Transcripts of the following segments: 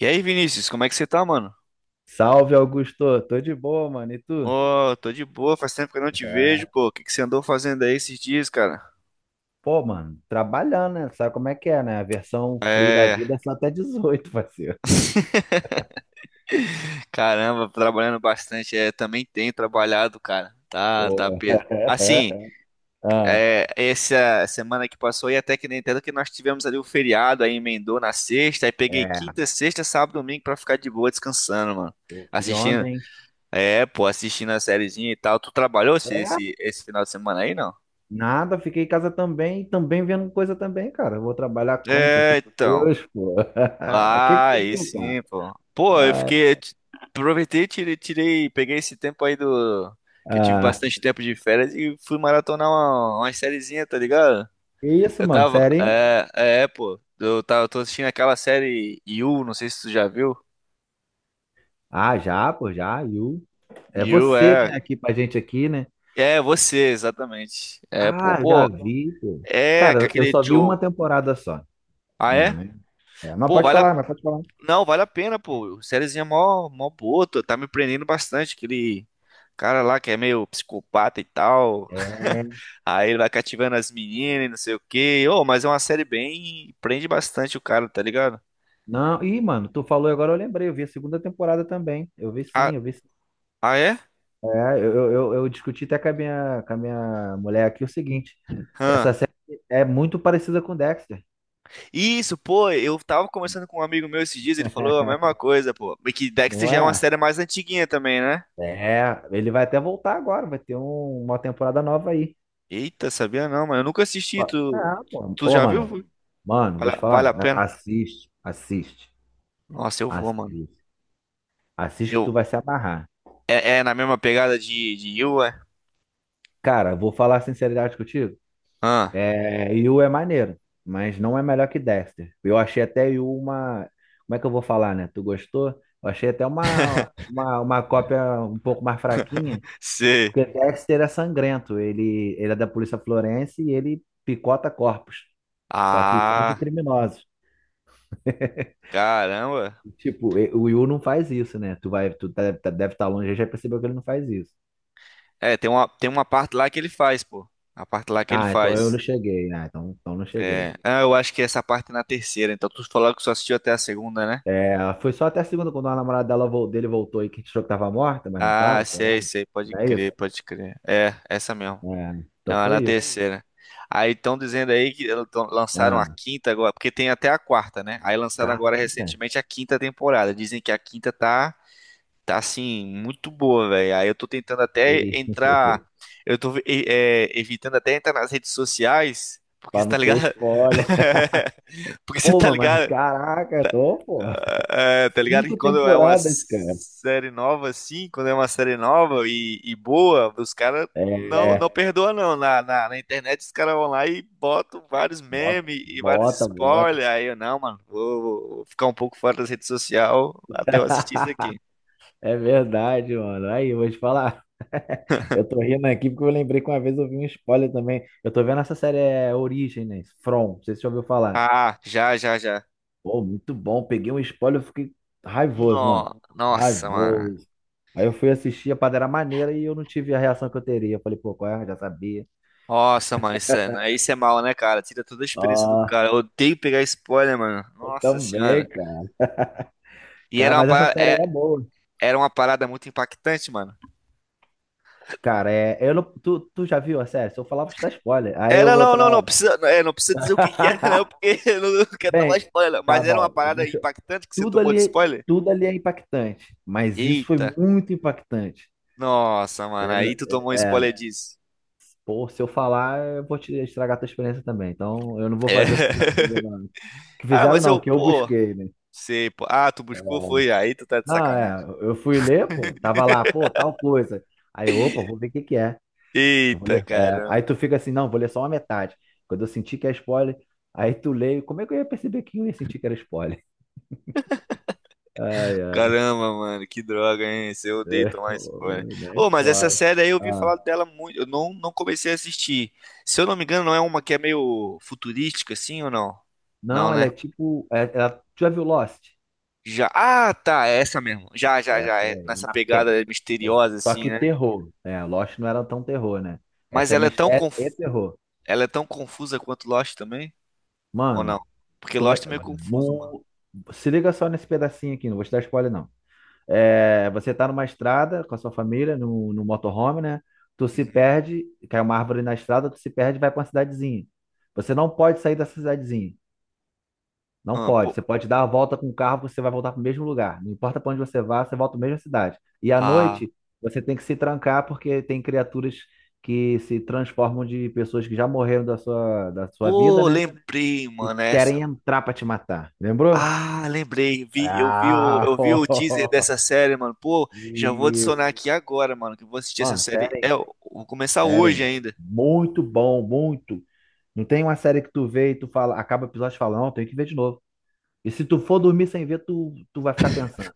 E aí, Vinícius, como é que você tá, mano? Salve, Augusto. Tô de boa, mano. E tu? Ô, tô de boa, faz tempo que eu não te vejo, É, pô. O que que você andou fazendo aí esses dias, cara? pô, mano, trabalhando, né? Sabe como é que é, né? A versão free da vida é só até 18, parceiro. Caramba, trabalhando bastante. É, também tenho trabalhado, cara. Tá, tá, Pô. Pedro. Assim, Ah, é, essa semana que passou aí, até que nem tanto que nós tivemos ali o feriado, aí emendou na sexta, aí peguei é, quinta, sexta, sábado, domingo pra ficar de boa descansando, mano. pô, que Assistindo, onda, hein? É, pô, assistindo a sériezinha e tal. Tu trabalhou esse, É, esse, esse final de semana aí, não? nada. Fiquei em casa também, também vendo coisa também, cara. Eu vou trabalhar como? Sou É, filho de então. Deus, pô. O que que Ah, tu aí viu, cara? sim, pô. Pô, eu Ai, fiquei. Aproveitei, tirei, peguei esse tempo aí do. Que eu tive ah, bastante tempo de férias e fui maratonar uma sériezinha, tá ligado? que isso, Eu mano? tava. Sério, hein? Pô. Eu tô assistindo aquela série You, não sei se tu já viu. Ah, já, pô, já. É You você, né? é. Aqui pra gente aqui, né? É, você, exatamente. É, pô. Ah, já Pô, vi, pô. é, com Cara, eu aquele só vi Joe. uma temporada só. Ah, É, é? né? É, mas Pô, pode vale a falar, mas pode falar. Não, vale a pena, pô. Sériezinha mó, mó boa, tá me prendendo bastante. Aquele cara lá que é meio psicopata e tal. É. Aí ele vai cativando as meninas e não sei o quê. Ô, mas é uma série bem. Prende bastante o cara, tá ligado? Não, ih, mano, tu falou e agora eu lembrei, eu vi a segunda temporada também. Eu vi Ah, sim, eu vi sim. ah é? É, eu discuti até com a minha mulher aqui o seguinte: essa Hã. série é muito parecida com Dexter. Isso, pô, eu tava conversando com um amigo meu esses dias, ele falou a mesma coisa, pô. Mas que Dexter Não já é uma é? série mais antiguinha também, né? É, ele vai até voltar agora, vai ter uma temporada nova aí. Eita, sabia não, mano. Eu nunca assisti, Ó, tu, ah, pô. tu Ô, já mano, viu? mano, vou te Vale falar, a pena? assiste, assiste, Nossa, eu vou, mano. assiste. Assiste que Eu tu vai se amarrar. É, na mesma pegada de You, é? Cara, vou falar a sinceridade contigo. Ah, É, Yu é maneiro, mas não é melhor que Dexter. Eu achei até Yu uma. Como é que eu vou falar, né? Tu gostou? Eu achei até uma cópia um pouco mais fraquinha, sei. porque Dexter é sangrento. Ele é da polícia florense e ele picota corpos. Só que só de Ah, criminosos. caramba. Tipo, o Yu não faz isso, né? Tu vai, deve estar longe, já percebeu que ele não faz isso. É, tem uma parte lá que ele faz, pô. A parte lá que ele Ah, então eu não faz. cheguei. Ah, então não cheguei. É. Ah, eu acho que essa parte é na terceira. Então tu falou que só assistiu até a segunda, né? É, foi só até a segunda, quando a namorada dele voltou e que a gente achou que tava morta, mas não Ah, tava, sei lá. sei, sei. Pode Não é isso? crer, pode crer. É, essa mesmo. É, então Não, é na foi isso. terceira. Aí estão dizendo aí que lançaram Ah, a quinta agora, porque tem até a quarta, né? Aí lançaram agora caraca. recentemente a quinta temporada. Dizem que a quinta tá. Tá assim, muito boa, velho. Aí eu tô tentando E até aí? entrar. Eu tô evitando até entrar nas redes sociais, porque Pra você não tá ter ligado? spoiler. Porque você Pô, tá mano, mas ligado? caraca, tô, pô. Tá ligado que Cinco quando é uma temporadas, cara. série nova, assim, quando é uma série nova e boa, os caras não, não É, perdoa não. Na internet os caras vão lá e botam vários bota, memes e vários bota, bota. spoilers. Aí eu, não, mano, vou ficar um pouco fora das redes sociais até eu assistir isso aqui. É verdade, mano. Aí, eu vou te falar. Eu tô rindo aqui porque eu lembrei que uma vez eu vi um spoiler também. Eu tô vendo essa série é Origem, né? From, não sei se você já ouviu falar. Ah, já, já, já. Pô, muito bom. Peguei um spoiler, eu fiquei raivoso, mano. Nossa, mano. Raivoso. Aí eu fui assistir a Padeira Maneira e eu não tive a reação que eu teria. Eu falei, pô, qual é? Eu já sabia. Nossa, mano, aí isso é mal, né, cara? Tira toda a experiência do Ah, cara. Eu odeio pegar spoiler, mano. eu Nossa também, senhora. cara. E Cara, mas essa série aí é boa. era uma parada muito impactante, mano. Cara, é, eu não, tu já viu a série? Se eu falar, vou te dar spoiler. Aí eu vou Não, não, não, não estar. precisa, é, não precisa dizer o que que era, não, porque eu não quero tomar Bem, spoiler. Não. tá Mas era uma bom. parada impactante que você Tudo tomou de ali, spoiler? tudo ali é impactante, mas isso foi Eita. muito impactante. Nossa, mano, É. aí tu tomou um É, é. spoiler disso. Pô, se eu falar, eu vou te estragar a tua experiência também. Então, eu não vou É. fazer o que fizeram comigo. Não. Que Ah, fizeram mas eu, não, que eu pô, busquei, né? sei, pô. Ah, tu buscou, foi, aí tu tá de Não, é, sacanagem. eu fui ler, pô, tava lá, pô, tal coisa. Aí, eu, opa, vou ver o que que é. Eu vou Eita, ler. É. cara. Aí tu fica assim, não, vou ler só uma metade. Quando eu senti que é spoiler, aí tu leio. Como é que eu ia perceber que eu ia sentir que era spoiler? Ai, ai, Caramba, mano, que droga, hein? Esse Eu odeio é, tomar spoiler. nem Ô, mas essa fora. série aí eu ouvi Ah, falar dela muito. Eu não, não comecei a assistir. Se eu não me engano, não é uma que é meio futurística, assim ou não? Não, não, ela né? é tipo, tu já viu Lost? Já. Ah, tá, é essa mesmo. Já, já, já. Essa É daí é nessa na pega. pegada misteriosa, Só assim, que né? terror. É, Lost não era tão terror, né? Mas Essa é ela é tão mistério e conf... terror. Ela é tão confusa quanto Lost também? Ou não? Mano, Porque como Lost é. é meio confuso, mano. Se liga só nesse pedacinho aqui, não vou te dar spoiler, não. É, você tá numa estrada com a sua família, no motorhome, né? Tu se Uhum. perde, cai uma árvore na estrada, tu se perde e vai pra uma cidadezinha. Você não pode sair dessa cidadezinha. Não Ah, pode. pô... Você pode dar a volta com o carro, você vai voltar para o mesmo lugar. Não importa para onde você vá, você volta para a mesma cidade. E à Ah, noite, você tem que se trancar porque tem criaturas que se transformam de pessoas que já morreram da sua vida, pô, né? lembrei, E mano. querem Essa. entrar para te matar. Lembrou? Ah, lembrei, eu vi o, Ah! eu vi o teaser dessa série, mano. Pô, já vou adicionar Isso. aqui agora, mano, que eu vou assistir essa Mano, série. sério, É, hein? eu vou começar Sério. hoje Hein? ainda. Muito bom, muito. Não tem uma série que tu vê e tu fala, acaba o episódio e fala, não, tem que ver de novo. E se tu for dormir sem ver, tu vai ficar pensando.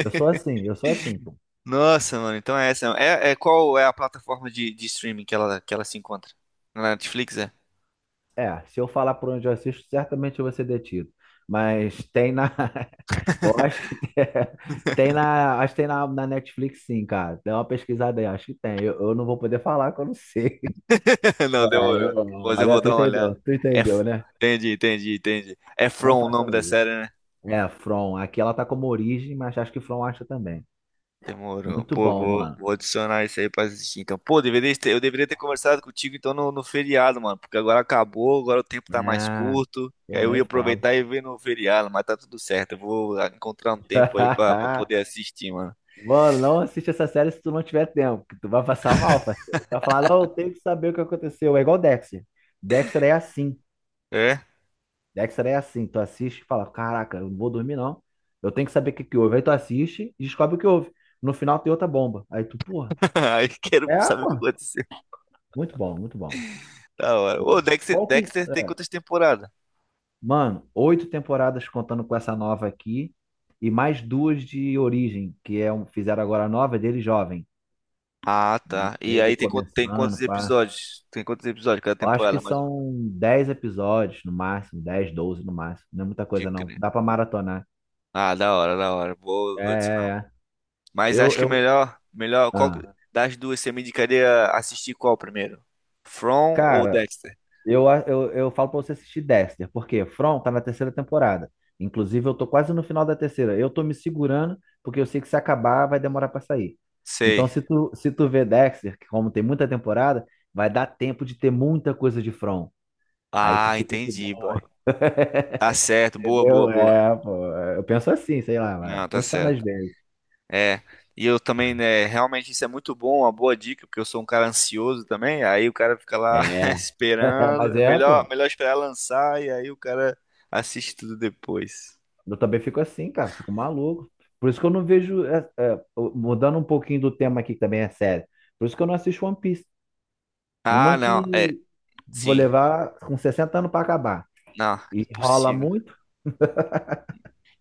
Eu sou assim, pô. Nossa, mano, então é essa. É, qual é a plataforma de streaming que ela se encontra? Na Netflix, é? É, se eu falar por onde eu assisto, certamente eu vou ser detido. Mas tem na. Eu acho que tem na. Acho que tem na Netflix, sim, cara. Dá uma pesquisada aí, acho que tem. Eu não vou poder falar que eu não sei. Não, É, eu, demorou. Depois eu olha, vou tu dar uma entendeu, olhada. tu É, entendeu, f- né? Entendi, entendi, entendi. É Não From o nome façam da isso. série, né? É, From. Aqui ela tá como origem, mas acho que From acha também. Demorou. Muito Pô, bom, vou, mano. vou adicionar isso aí pra assistir. Então, pô, eu deveria ter conversado contigo então no feriado, mano. Porque agora acabou, agora o tempo tá mais É, curto. E aí pô, eu nem ia falo. aproveitar e ver no feriado, mas tá tudo certo. Eu vou encontrar um tempo aí pra poder assistir, mano. Mano, não assiste essa série se tu não tiver tempo, que tu vai passar mal, parceiro. Tu vai falar, não, eu tenho que saber o que aconteceu. É igual Dexter. Dexter é assim. É? Dexter é assim. Tu assiste e fala, caraca, eu não vou dormir, não. Eu tenho que saber o que que houve. Aí tu assiste e descobre o que houve. No final tem outra bomba. Aí tu, porra. Aí quero É, saber o que pô. aconteceu. Muito bom, muito bom. Da hora. Ô, Pô. Dexter, Qual que- Dexter tem é. quantas temporadas? Mano, oito temporadas contando com essa nova aqui. E mais duas de origem, que é um, fizeram agora a nova é dele jovem. Ah, tá. E Ele aí tem começando, quantos pá. episódios? Tem quantos episódios cada Eu acho que temporada, mais ou menos? são 10 episódios no máximo, 10, 12 no máximo. Não é muita De coisa, não. crer. Dá pra maratonar. Ah, da hora, da hora. Vou, É, vou é, é. Mas acho que é Eu, melhor, melhor, qual ah. das duas você me indicaria assistir qual primeiro? From ou Cara, Dexter? eu falo pra você assistir Dexter, porque From tá na terceira temporada. Inclusive, eu tô quase no final da terceira. Eu tô me segurando, porque eu sei que se acabar, vai demorar pra sair. Então, Sei. se tu vê Dexter, que como tem muita temporada, vai dar tempo de ter muita coisa de From. Aí tu Ah, fica de entendi, bom. boy. Tá certo, boa, boa, Entendeu? boa. É, pô. Eu penso assim, sei lá, mas Não, tá funciona às certo. vezes. É, e eu também, né, realmente isso é muito bom, uma boa dica, porque eu sou um cara ansioso também, aí o cara fica lá É. esperando, Mas é é, melhor, pô. melhor esperar lançar e aí o cara assiste tudo depois. Eu também fico assim, cara. Fico maluco. Por isso que eu não vejo. É, é, mudando um pouquinho do tema aqui, que também é sério. Por isso que eu não assisto One Piece. Ah, Uma que não, é, vou sim, levar com 60 anos pra acabar. não, E rola impossível. muito.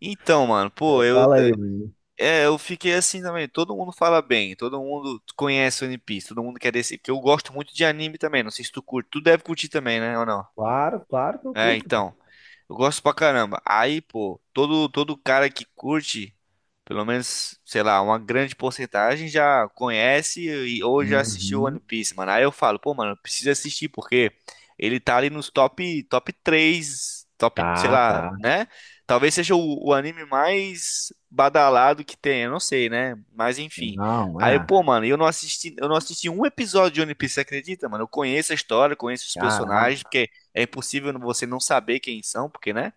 Então, mano, pô, Fala aí, mano. Eu fiquei assim também. Todo mundo fala bem, todo mundo conhece One Piece, todo mundo quer desse. Porque eu gosto muito de anime também. Não sei se tu curte. Tu deve curtir também, né? Ou não? Claro, claro que eu É, curto, cara. então. Eu gosto pra caramba. Aí, pô, todo cara que curte, pelo menos, sei lá, uma grande porcentagem já conhece ou já assistiu One Uhum. Piece, mano. Aí eu falo, pô, mano, precisa assistir porque ele tá ali nos top, top 3, top, sei Tá, lá, tá. né? Talvez seja o anime mais badalado que tem, eu não sei, né? Mas enfim. Não, Aí, é. pô, mano, eu não assisti um episódio de One Piece, você acredita, mano? Eu conheço a história, conheço os Caraca. personagens, porque é impossível você não saber quem são, porque, né?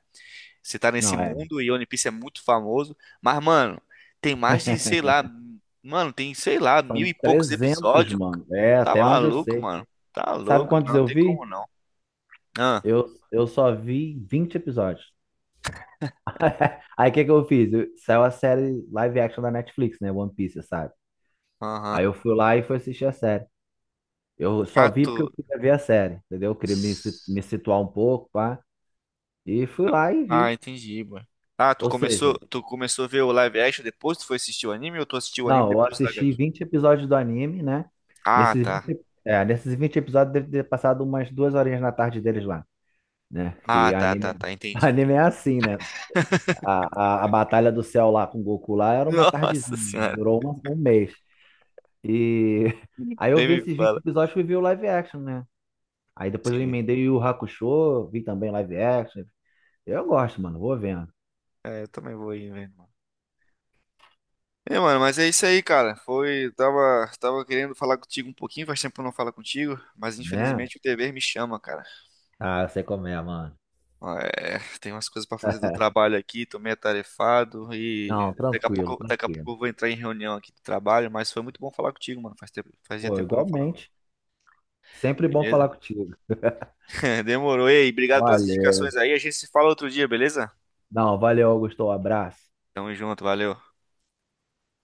Você tá nesse Não, é. mundo e One Piece é muito famoso. Mas, mano, tem mais de, sei lá, mano, tem, sei lá, mil São e poucos 300, episódios. mano. É, Tá até onde eu maluco, sei. mano. Tá Sabe louco, quantos não eu tem vi? como não. Ah, Eu só vi 20 episódios. Aí o que que eu fiz? Saiu a série live action da Netflix, né? One Piece, sabe? aham. Aí eu fui lá e fui assistir a série. Eu só Ah, vi porque eu tu. queria ver a série, entendeu? Eu queria me situar um pouco, pá. E fui lá e Ah, vi. entendi, mano. Ah, tu Ou seja, começou, tu começou a ver o live action depois? Tu foi assistir o anime ou tu assistiu o anime não, eu depois do live assisti action? 20 episódios do anime, né? Ah, Nesses tá. vinte, é, nesses vinte episódios deve ter passado umas duas horinhas na tarde deles lá, né? Ah, Que tá, tá, anime, tá. Entendi, anime entendi. é assim, né? A batalha do céu lá com o Goku lá era uma tardezinha, Nossa senhora, durou um mês. E aí eu nem vi me esses 20 fala. episódios e vi o live action, né? Aí depois eu Sim. emendei o Yu Yu Hakusho, vi também live action. Eu gosto, mano, vou vendo, É, eu também vou ir vendo. É, mano, mas é isso aí, cara. Tava querendo falar contigo um pouquinho, faz tempo que eu não falo contigo, mas né? infelizmente o dever me chama, cara. Ah, eu sei como é, mano. É, tem umas coisas pra fazer do trabalho aqui, tô meio atarefado e Não, daqui a tranquilo, pouco, daqui a tranquilo. pouco eu vou entrar em reunião aqui do trabalho, mas foi muito bom falar contigo, mano. Faz tempo, fazia Pô, tempo que eu não falava. igualmente. Sempre bom falar Beleza? contigo. Demorou. Ei, obrigado pelas indicações Valeu. aí. A gente se fala outro dia, beleza? Não, valeu, Augusto. Um abraço. Tamo junto, valeu.